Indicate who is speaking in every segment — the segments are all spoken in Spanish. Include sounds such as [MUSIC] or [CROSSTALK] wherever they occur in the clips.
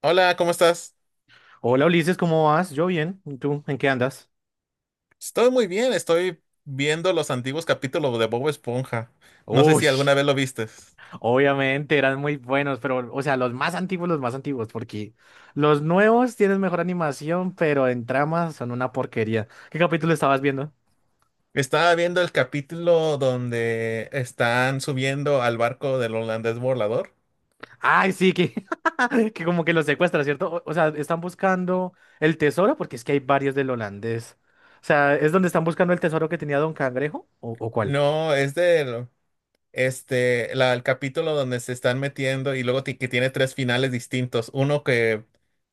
Speaker 1: Hola, ¿cómo estás?
Speaker 2: Hola Ulises, ¿cómo vas? Yo bien. ¿Y tú? ¿En qué andas?
Speaker 1: Estoy muy bien, estoy viendo los antiguos capítulos de Bob Esponja. No sé
Speaker 2: Uy,
Speaker 1: si alguna vez lo vistes.
Speaker 2: obviamente eran muy buenos, pero, o sea, los más antiguos, porque los nuevos tienen mejor animación, pero en tramas son una porquería. ¿Qué capítulo estabas viendo?
Speaker 1: Estaba viendo el capítulo donde están subiendo al barco del holandés volador.
Speaker 2: Ay, sí, que, [LAUGHS] que como que los secuestra, ¿cierto? O sea, están buscando el tesoro, porque es que hay varios del holandés. O sea, ¿es donde están buscando el tesoro que tenía Don Cangrejo? ¿O cuál?
Speaker 1: No, es del, este, el capítulo donde se están metiendo y luego que tiene tres finales distintos. Uno que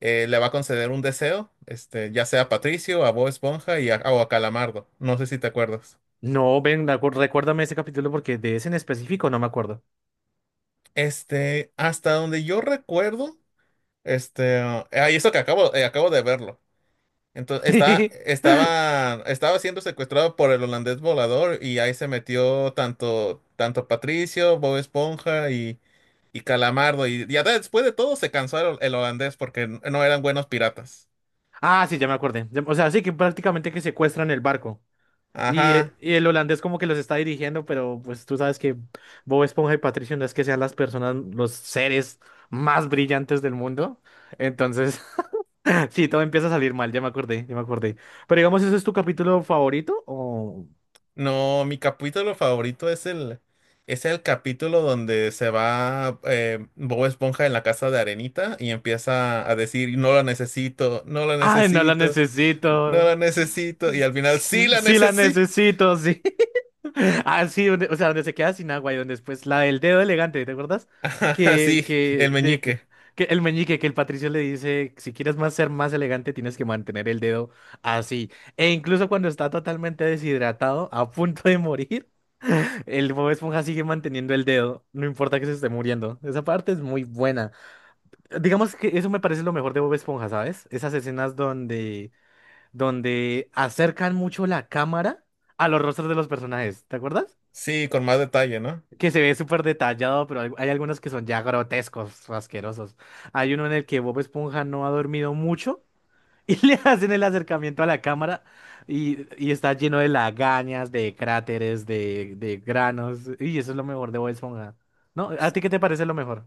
Speaker 1: le va a conceder un deseo, este, ya sea a Patricio, a Bob Esponja y a, o a Calamardo. No sé si te acuerdas.
Speaker 2: No, ven, recuérdame ese capítulo porque de ese en específico no me acuerdo.
Speaker 1: Este, hasta donde yo recuerdo. Este, y eso que acabo de verlo. Entonces, está,
Speaker 2: [LAUGHS]
Speaker 1: estaba, estaba siendo secuestrado por el holandés volador y ahí se metió tanto Patricio, Bob Esponja y Calamardo. Y ya después de todo se cansó el holandés porque no eran buenos piratas.
Speaker 2: Ah, sí, ya me acordé. O sea, sí que prácticamente que secuestran el barco. Y,
Speaker 1: Ajá.
Speaker 2: eh, y el holandés como que los está dirigiendo, pero pues tú sabes que Bob Esponja y Patricio no es que sean las personas, los seres más brillantes del mundo. Entonces, [LAUGHS] sí, todo empieza a salir mal, ya me acordé, ya me acordé. Pero digamos, ¿ese es tu capítulo favorito? O...
Speaker 1: No, mi capítulo favorito es el capítulo donde se va Bob Esponja en la casa de Arenita y empieza a decir, no lo necesito, no lo
Speaker 2: ¡Ay, no la
Speaker 1: necesito. No
Speaker 2: necesito!
Speaker 1: la necesito. Y al final, sí la
Speaker 2: Sí la
Speaker 1: necesito. [LAUGHS]
Speaker 2: necesito, sí. [LAUGHS] Ah, sí, o sea, donde se queda sin agua y donde después la del dedo elegante, ¿te acuerdas?
Speaker 1: Ajá,
Speaker 2: Que,
Speaker 1: sí, el
Speaker 2: que, de, que,
Speaker 1: meñique.
Speaker 2: que el meñique, que el Patricio le dice, si quieres más ser más elegante, tienes que mantener el dedo así. E incluso cuando está totalmente deshidratado, a punto de morir, [LAUGHS] el Bob Esponja sigue manteniendo el dedo, no importa que se esté muriendo. Esa parte es muy buena. Digamos que eso me parece lo mejor de Bob Esponja, ¿sabes? Esas escenas donde acercan mucho la cámara a los rostros de los personajes, ¿te acuerdas?
Speaker 1: Sí, con más detalle, ¿no?
Speaker 2: Que se ve súper detallado, pero hay algunos que son ya grotescos, asquerosos. Hay uno en el que Bob Esponja no ha dormido mucho y [LAUGHS] le hacen el acercamiento a la cámara y está lleno de lagañas, de cráteres, de granos. Y eso es lo mejor de Bob Esponja. ¿No? ¿A ti qué te parece lo mejor?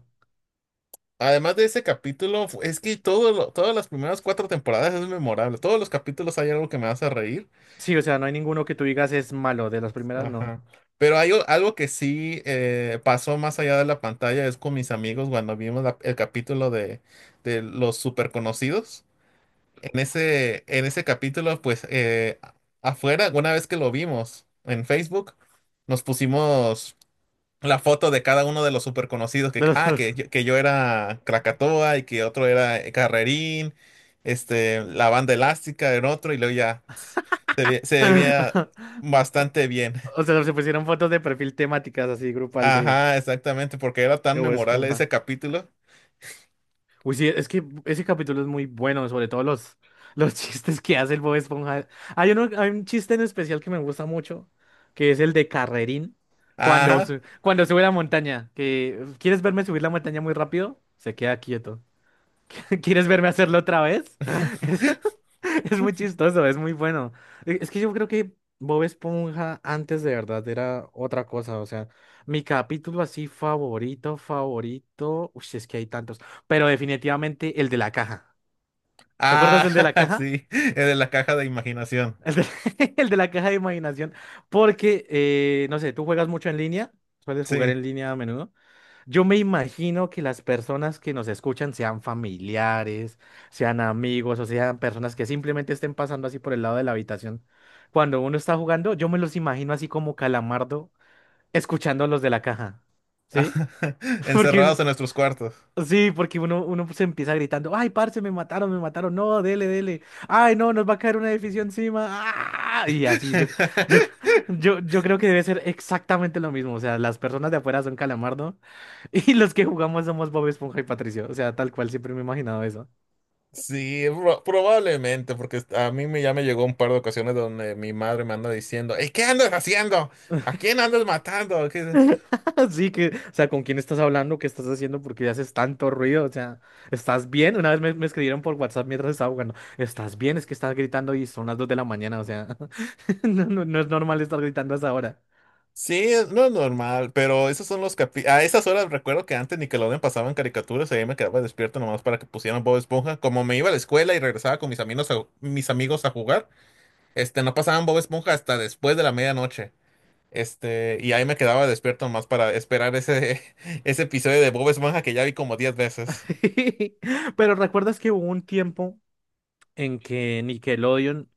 Speaker 1: Además de ese capítulo, es que todas las primeras cuatro temporadas es memorable. Todos los capítulos hay algo que me hace reír.
Speaker 2: Sí, o sea, no hay ninguno que tú digas es malo. De las primeras, no.
Speaker 1: Ajá. Pero hay algo que sí pasó más allá de la pantalla, es con mis amigos cuando vimos el capítulo de los super conocidos. En ese capítulo, pues afuera, una vez que lo vimos en Facebook, nos pusimos la foto de cada uno de los super conocidos que,
Speaker 2: De los...
Speaker 1: ah, que, yo- que yo era Krakatoa y que otro era Carrerín, este, la banda elástica era otro y luego ya se veía
Speaker 2: [LAUGHS]
Speaker 1: bastante bien.
Speaker 2: O sea, se pusieron fotos de perfil temáticas así, grupal
Speaker 1: Ajá, exactamente, porque era tan
Speaker 2: de Bob
Speaker 1: memorable
Speaker 2: Esponja.
Speaker 1: ese capítulo.
Speaker 2: Uy, sí, es que ese capítulo es muy bueno, sobre todo los [LAUGHS] chistes que hace el Bob Esponja. Hay uno, hay un chiste en especial que me gusta mucho, que es el de Carrerín, cuando,
Speaker 1: Ajá.
Speaker 2: cuando sube la montaña, que ¿quieres verme subir la montaña muy rápido? Se queda quieto. [LAUGHS] ¿Quieres verme hacerlo otra vez? [LAUGHS]
Speaker 1: [LAUGHS]
Speaker 2: [LAUGHS] Es muy chistoso, es muy bueno. Es que yo creo que Bob Esponja antes de verdad era otra cosa. O sea, mi capítulo así favorito, favorito. Uy, es que hay tantos. Pero definitivamente el de la caja. ¿Te acuerdas
Speaker 1: Ah,
Speaker 2: del de la
Speaker 1: [LAUGHS]
Speaker 2: caja?
Speaker 1: sí, el de la caja de imaginación.
Speaker 2: El de, [LAUGHS] el de la caja de imaginación. Porque, no sé, tú juegas mucho en línea. Sueles jugar
Speaker 1: Sí.
Speaker 2: en línea a menudo. Yo me imagino que las personas que nos escuchan sean familiares, sean amigos o sean personas que simplemente estén pasando así por el lado de la habitación. Cuando uno está jugando, yo me los imagino así como Calamardo escuchando a los de la caja. ¿Sí?
Speaker 1: [LAUGHS]
Speaker 2: [LAUGHS] Porque uno,
Speaker 1: Encerrados en nuestros cuartos.
Speaker 2: sí, porque uno se empieza gritando, ay, parce, me mataron, no, dele, dele, ay, no, nos va a caer un edificio encima. ¡Ah! Y así, yo,
Speaker 1: [LAUGHS]
Speaker 2: [LAUGHS] yo creo que debe ser exactamente lo mismo. O sea, las personas de afuera son Calamardo. Y los que jugamos somos Bob Esponja y Patricio. O sea, tal cual siempre me he imaginado eso.
Speaker 1: Sí, probablemente, porque a mí me, ya me llegó un par de ocasiones donde mi madre me anda diciendo, "Ey, ¿qué andas haciendo? ¿A quién andas matando? ¿Qué-"
Speaker 2: [LAUGHS] Así que, o sea, ¿con quién estás hablando? ¿Qué estás haciendo? ¿Por qué haces tanto ruido? O sea, ¿estás bien? Una vez me escribieron por WhatsApp mientras estaba jugando. ¿Estás bien? Es que estás gritando y son las 2 de la mañana. O sea, [LAUGHS] no, no, no es normal estar gritando a esa hora.
Speaker 1: Sí, no es normal, pero esos son a esas horas recuerdo que antes Nickelodeon pasaban caricaturas y ahí me quedaba despierto nomás para que pusieran Bob Esponja. Como me iba a la escuela y regresaba con mis amigos a jugar, este, no pasaban Bob Esponja hasta después de la medianoche. Este, y ahí me quedaba despierto nomás para esperar ese, [LAUGHS] ese episodio de Bob Esponja que ya vi como 10 veces.
Speaker 2: [LAUGHS] Pero ¿recuerdas que hubo un tiempo en que Nickelodeon...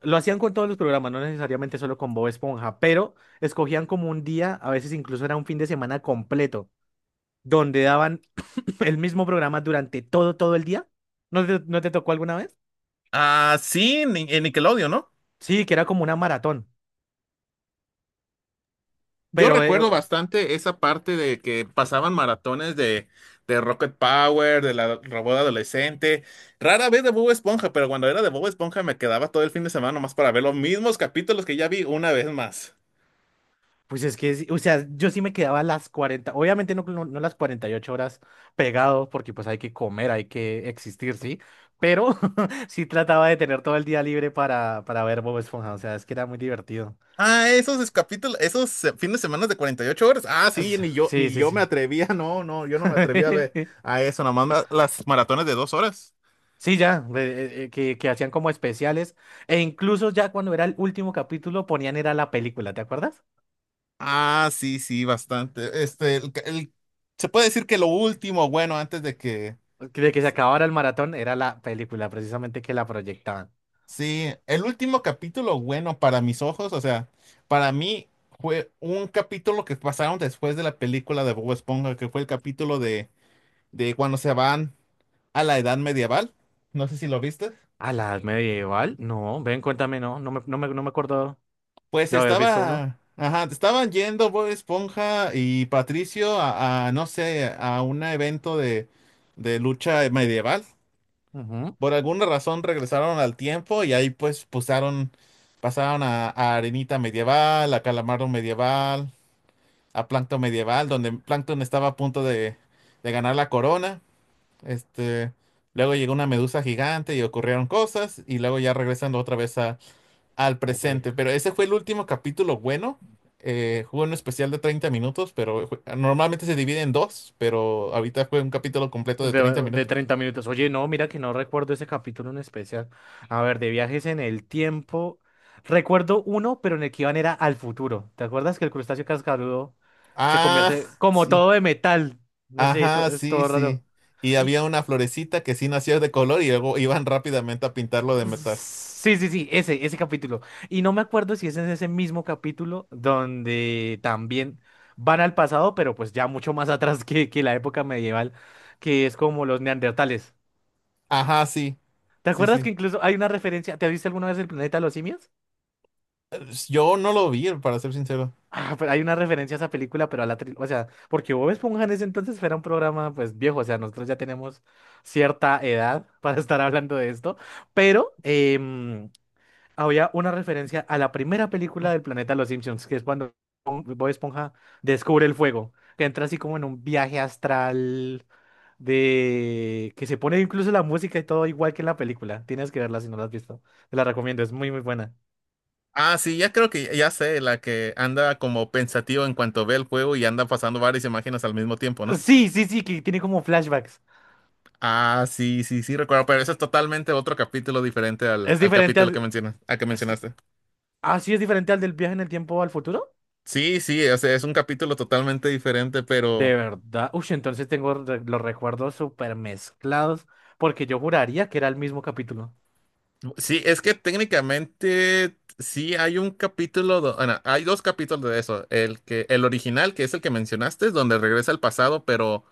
Speaker 2: Lo hacían con todos los programas, no necesariamente solo con Bob Esponja, pero escogían como un día, a veces incluso era un fin de semana completo donde daban el mismo programa durante todo, todo el día. ¿No te tocó alguna vez?
Speaker 1: Ah, sí, en Nickelodeon, ¿no?
Speaker 2: Sí, que era como una maratón,
Speaker 1: Yo
Speaker 2: pero
Speaker 1: recuerdo bastante esa parte de que pasaban maratones de Rocket Power, de la robot adolescente. Rara vez de Bob Esponja, pero cuando era de Bob Esponja me quedaba todo el fin de semana nomás para ver los mismos capítulos que ya vi una vez más.
Speaker 2: pues es que, sí, o sea, yo sí me quedaba las 40 obviamente no, no, no las 48 horas pegado, porque pues hay que comer, hay que existir, ¿sí? Pero [LAUGHS] sí trataba de tener todo el día libre para ver Bob Esponja, o sea, es que era muy divertido.
Speaker 1: Ah, esos fines de semana de 48 horas. Ah, sí, ni yo,
Speaker 2: Sí,
Speaker 1: ni
Speaker 2: sí,
Speaker 1: yo
Speaker 2: sí.
Speaker 1: me atrevía, no, no, yo no me atrevía a ver
Speaker 2: [LAUGHS]
Speaker 1: a eso, las maratones de 2 horas.
Speaker 2: Sí, ya, que hacían como especiales, e incluso ya cuando era el último capítulo ponían era la película, ¿te acuerdas?
Speaker 1: Ah, sí, sí, bastante. Este, se puede decir que lo último, bueno, antes de que...
Speaker 2: De que se acabara el maratón era la película precisamente que la proyectaban.
Speaker 1: Sí, el último capítulo, bueno, para mis ojos, o sea, para mí fue un capítulo que pasaron después de la película de Bob Esponja, que fue el capítulo de cuando se van a la edad medieval. No sé si lo viste.
Speaker 2: ¿A la edad medieval? No, ven, cuéntame, no me acuerdo
Speaker 1: Pues
Speaker 2: de haber visto uno.
Speaker 1: ajá, estaban yendo Bob Esponja y Patricio a, no sé, a un evento de lucha medieval.
Speaker 2: Ujú.
Speaker 1: Por alguna razón regresaron al tiempo y ahí pues pasaron a, Arenita Medieval, a Calamardo Medieval, a Plankton Medieval, donde Plankton estaba a punto de ganar la corona. Este, luego llegó una medusa gigante y ocurrieron cosas y luego ya regresando otra vez al
Speaker 2: Uy,
Speaker 1: presente. Pero ese fue el último capítulo bueno. Fue un especial de 30 minutos, pero normalmente se divide en dos, pero ahorita fue un capítulo completo de treinta
Speaker 2: de
Speaker 1: minutos.
Speaker 2: 30 minutos. Oye, no, mira que no recuerdo ese capítulo en especial. A ver, de viajes en el tiempo. Recuerdo uno, pero en el que iban era al futuro. ¿Te acuerdas que el crustáceo cascarudo se
Speaker 1: Ah,
Speaker 2: convierte
Speaker 1: [LAUGHS]
Speaker 2: como
Speaker 1: sí.
Speaker 2: todo de metal? No sé,
Speaker 1: Ajá,
Speaker 2: es
Speaker 1: sí,
Speaker 2: todo
Speaker 1: sí.
Speaker 2: raro.
Speaker 1: Y
Speaker 2: Y,
Speaker 1: había una florecita que sí nacía de color y luego iban [LAUGHS] rápidamente a pintarlo de metal.
Speaker 2: sí, sí, sí, ese capítulo. Y no me acuerdo si es en ese mismo capítulo donde también van al pasado, pero pues ya mucho más [LAUGHS] atrás que la época medieval, que es como los neandertales.
Speaker 1: Ajá, sí,
Speaker 2: ¿Te
Speaker 1: sí,
Speaker 2: acuerdas que
Speaker 1: sí.
Speaker 2: incluso hay una referencia? ¿Te has visto alguna vez el planeta de los simios? [LAUGHS]
Speaker 1: Yo no lo vi, para ser sincero.
Speaker 2: Ah, pero hay una referencia a esa película, pero a la... O sea, porque Bob Esponja en ese entonces era un programa pues viejo, o sea, nosotros ya tenemos cierta edad [LAUGHS] para estar hablando de esto, pero, había una referencia a la primera película del planeta Los Simpsons, que es cuando Bob Esponja descubre el fuego, que entra así como en un viaje astral de que se pone incluso la música y todo igual que en la película. Tienes que verla si no la has visto. Te la recomiendo, es muy muy buena.
Speaker 1: Ah, sí, ya creo que ya sé, la que anda como pensativo en cuanto ve el juego y anda pasando varias imágenes al mismo tiempo, ¿no?
Speaker 2: Sí, sí, sí, que tiene como flashbacks.
Speaker 1: Ah, sí, sí, sí, recuerdo, pero eso es totalmente otro capítulo diferente al,
Speaker 2: Es
Speaker 1: al
Speaker 2: diferente
Speaker 1: capítulo que
Speaker 2: al
Speaker 1: mencionas, al que
Speaker 2: es-
Speaker 1: mencionaste.
Speaker 2: Ah, sí, es diferente al del viaje en el tiempo al futuro.
Speaker 1: Sí, sí, o sea, es un capítulo totalmente diferente, pero
Speaker 2: De verdad. Uy, entonces tengo los recuerdos súper mezclados porque yo juraría que era el mismo capítulo.
Speaker 1: sí, es que técnicamente sí hay un capítulo, bueno, hay dos capítulos de eso. El original, que es el que mencionaste, es donde regresa al pasado, pero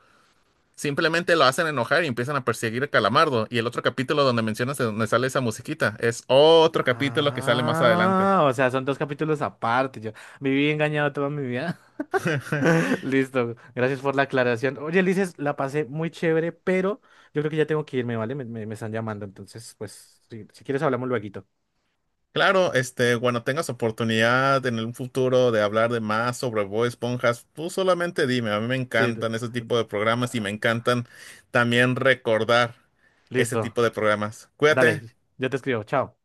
Speaker 1: simplemente lo hacen enojar y empiezan a perseguir a Calamardo. Y el otro capítulo donde mencionas de donde sale esa musiquita, es otro capítulo que sale más adelante.
Speaker 2: Ah, o sea, son dos capítulos aparte. Yo viví engañado toda mi vida.
Speaker 1: [LAUGHS]
Speaker 2: [LAUGHS] Listo, gracias por la aclaración. Oye, Ulises, la pasé muy chévere, pero yo creo que ya tengo que irme, ¿vale? Me están llamando, entonces, pues, si quieres hablamos luego.
Speaker 1: Claro, este, cuando tengas oportunidad en un futuro de hablar de más sobre Bob Esponja, tú solamente dime, a mí me
Speaker 2: Sí.
Speaker 1: encantan ese tipo de programas y
Speaker 2: Ah,
Speaker 1: me encantan también recordar ese
Speaker 2: listo,
Speaker 1: tipo de programas. Cuídate.
Speaker 2: dale, ya te escribo, chao.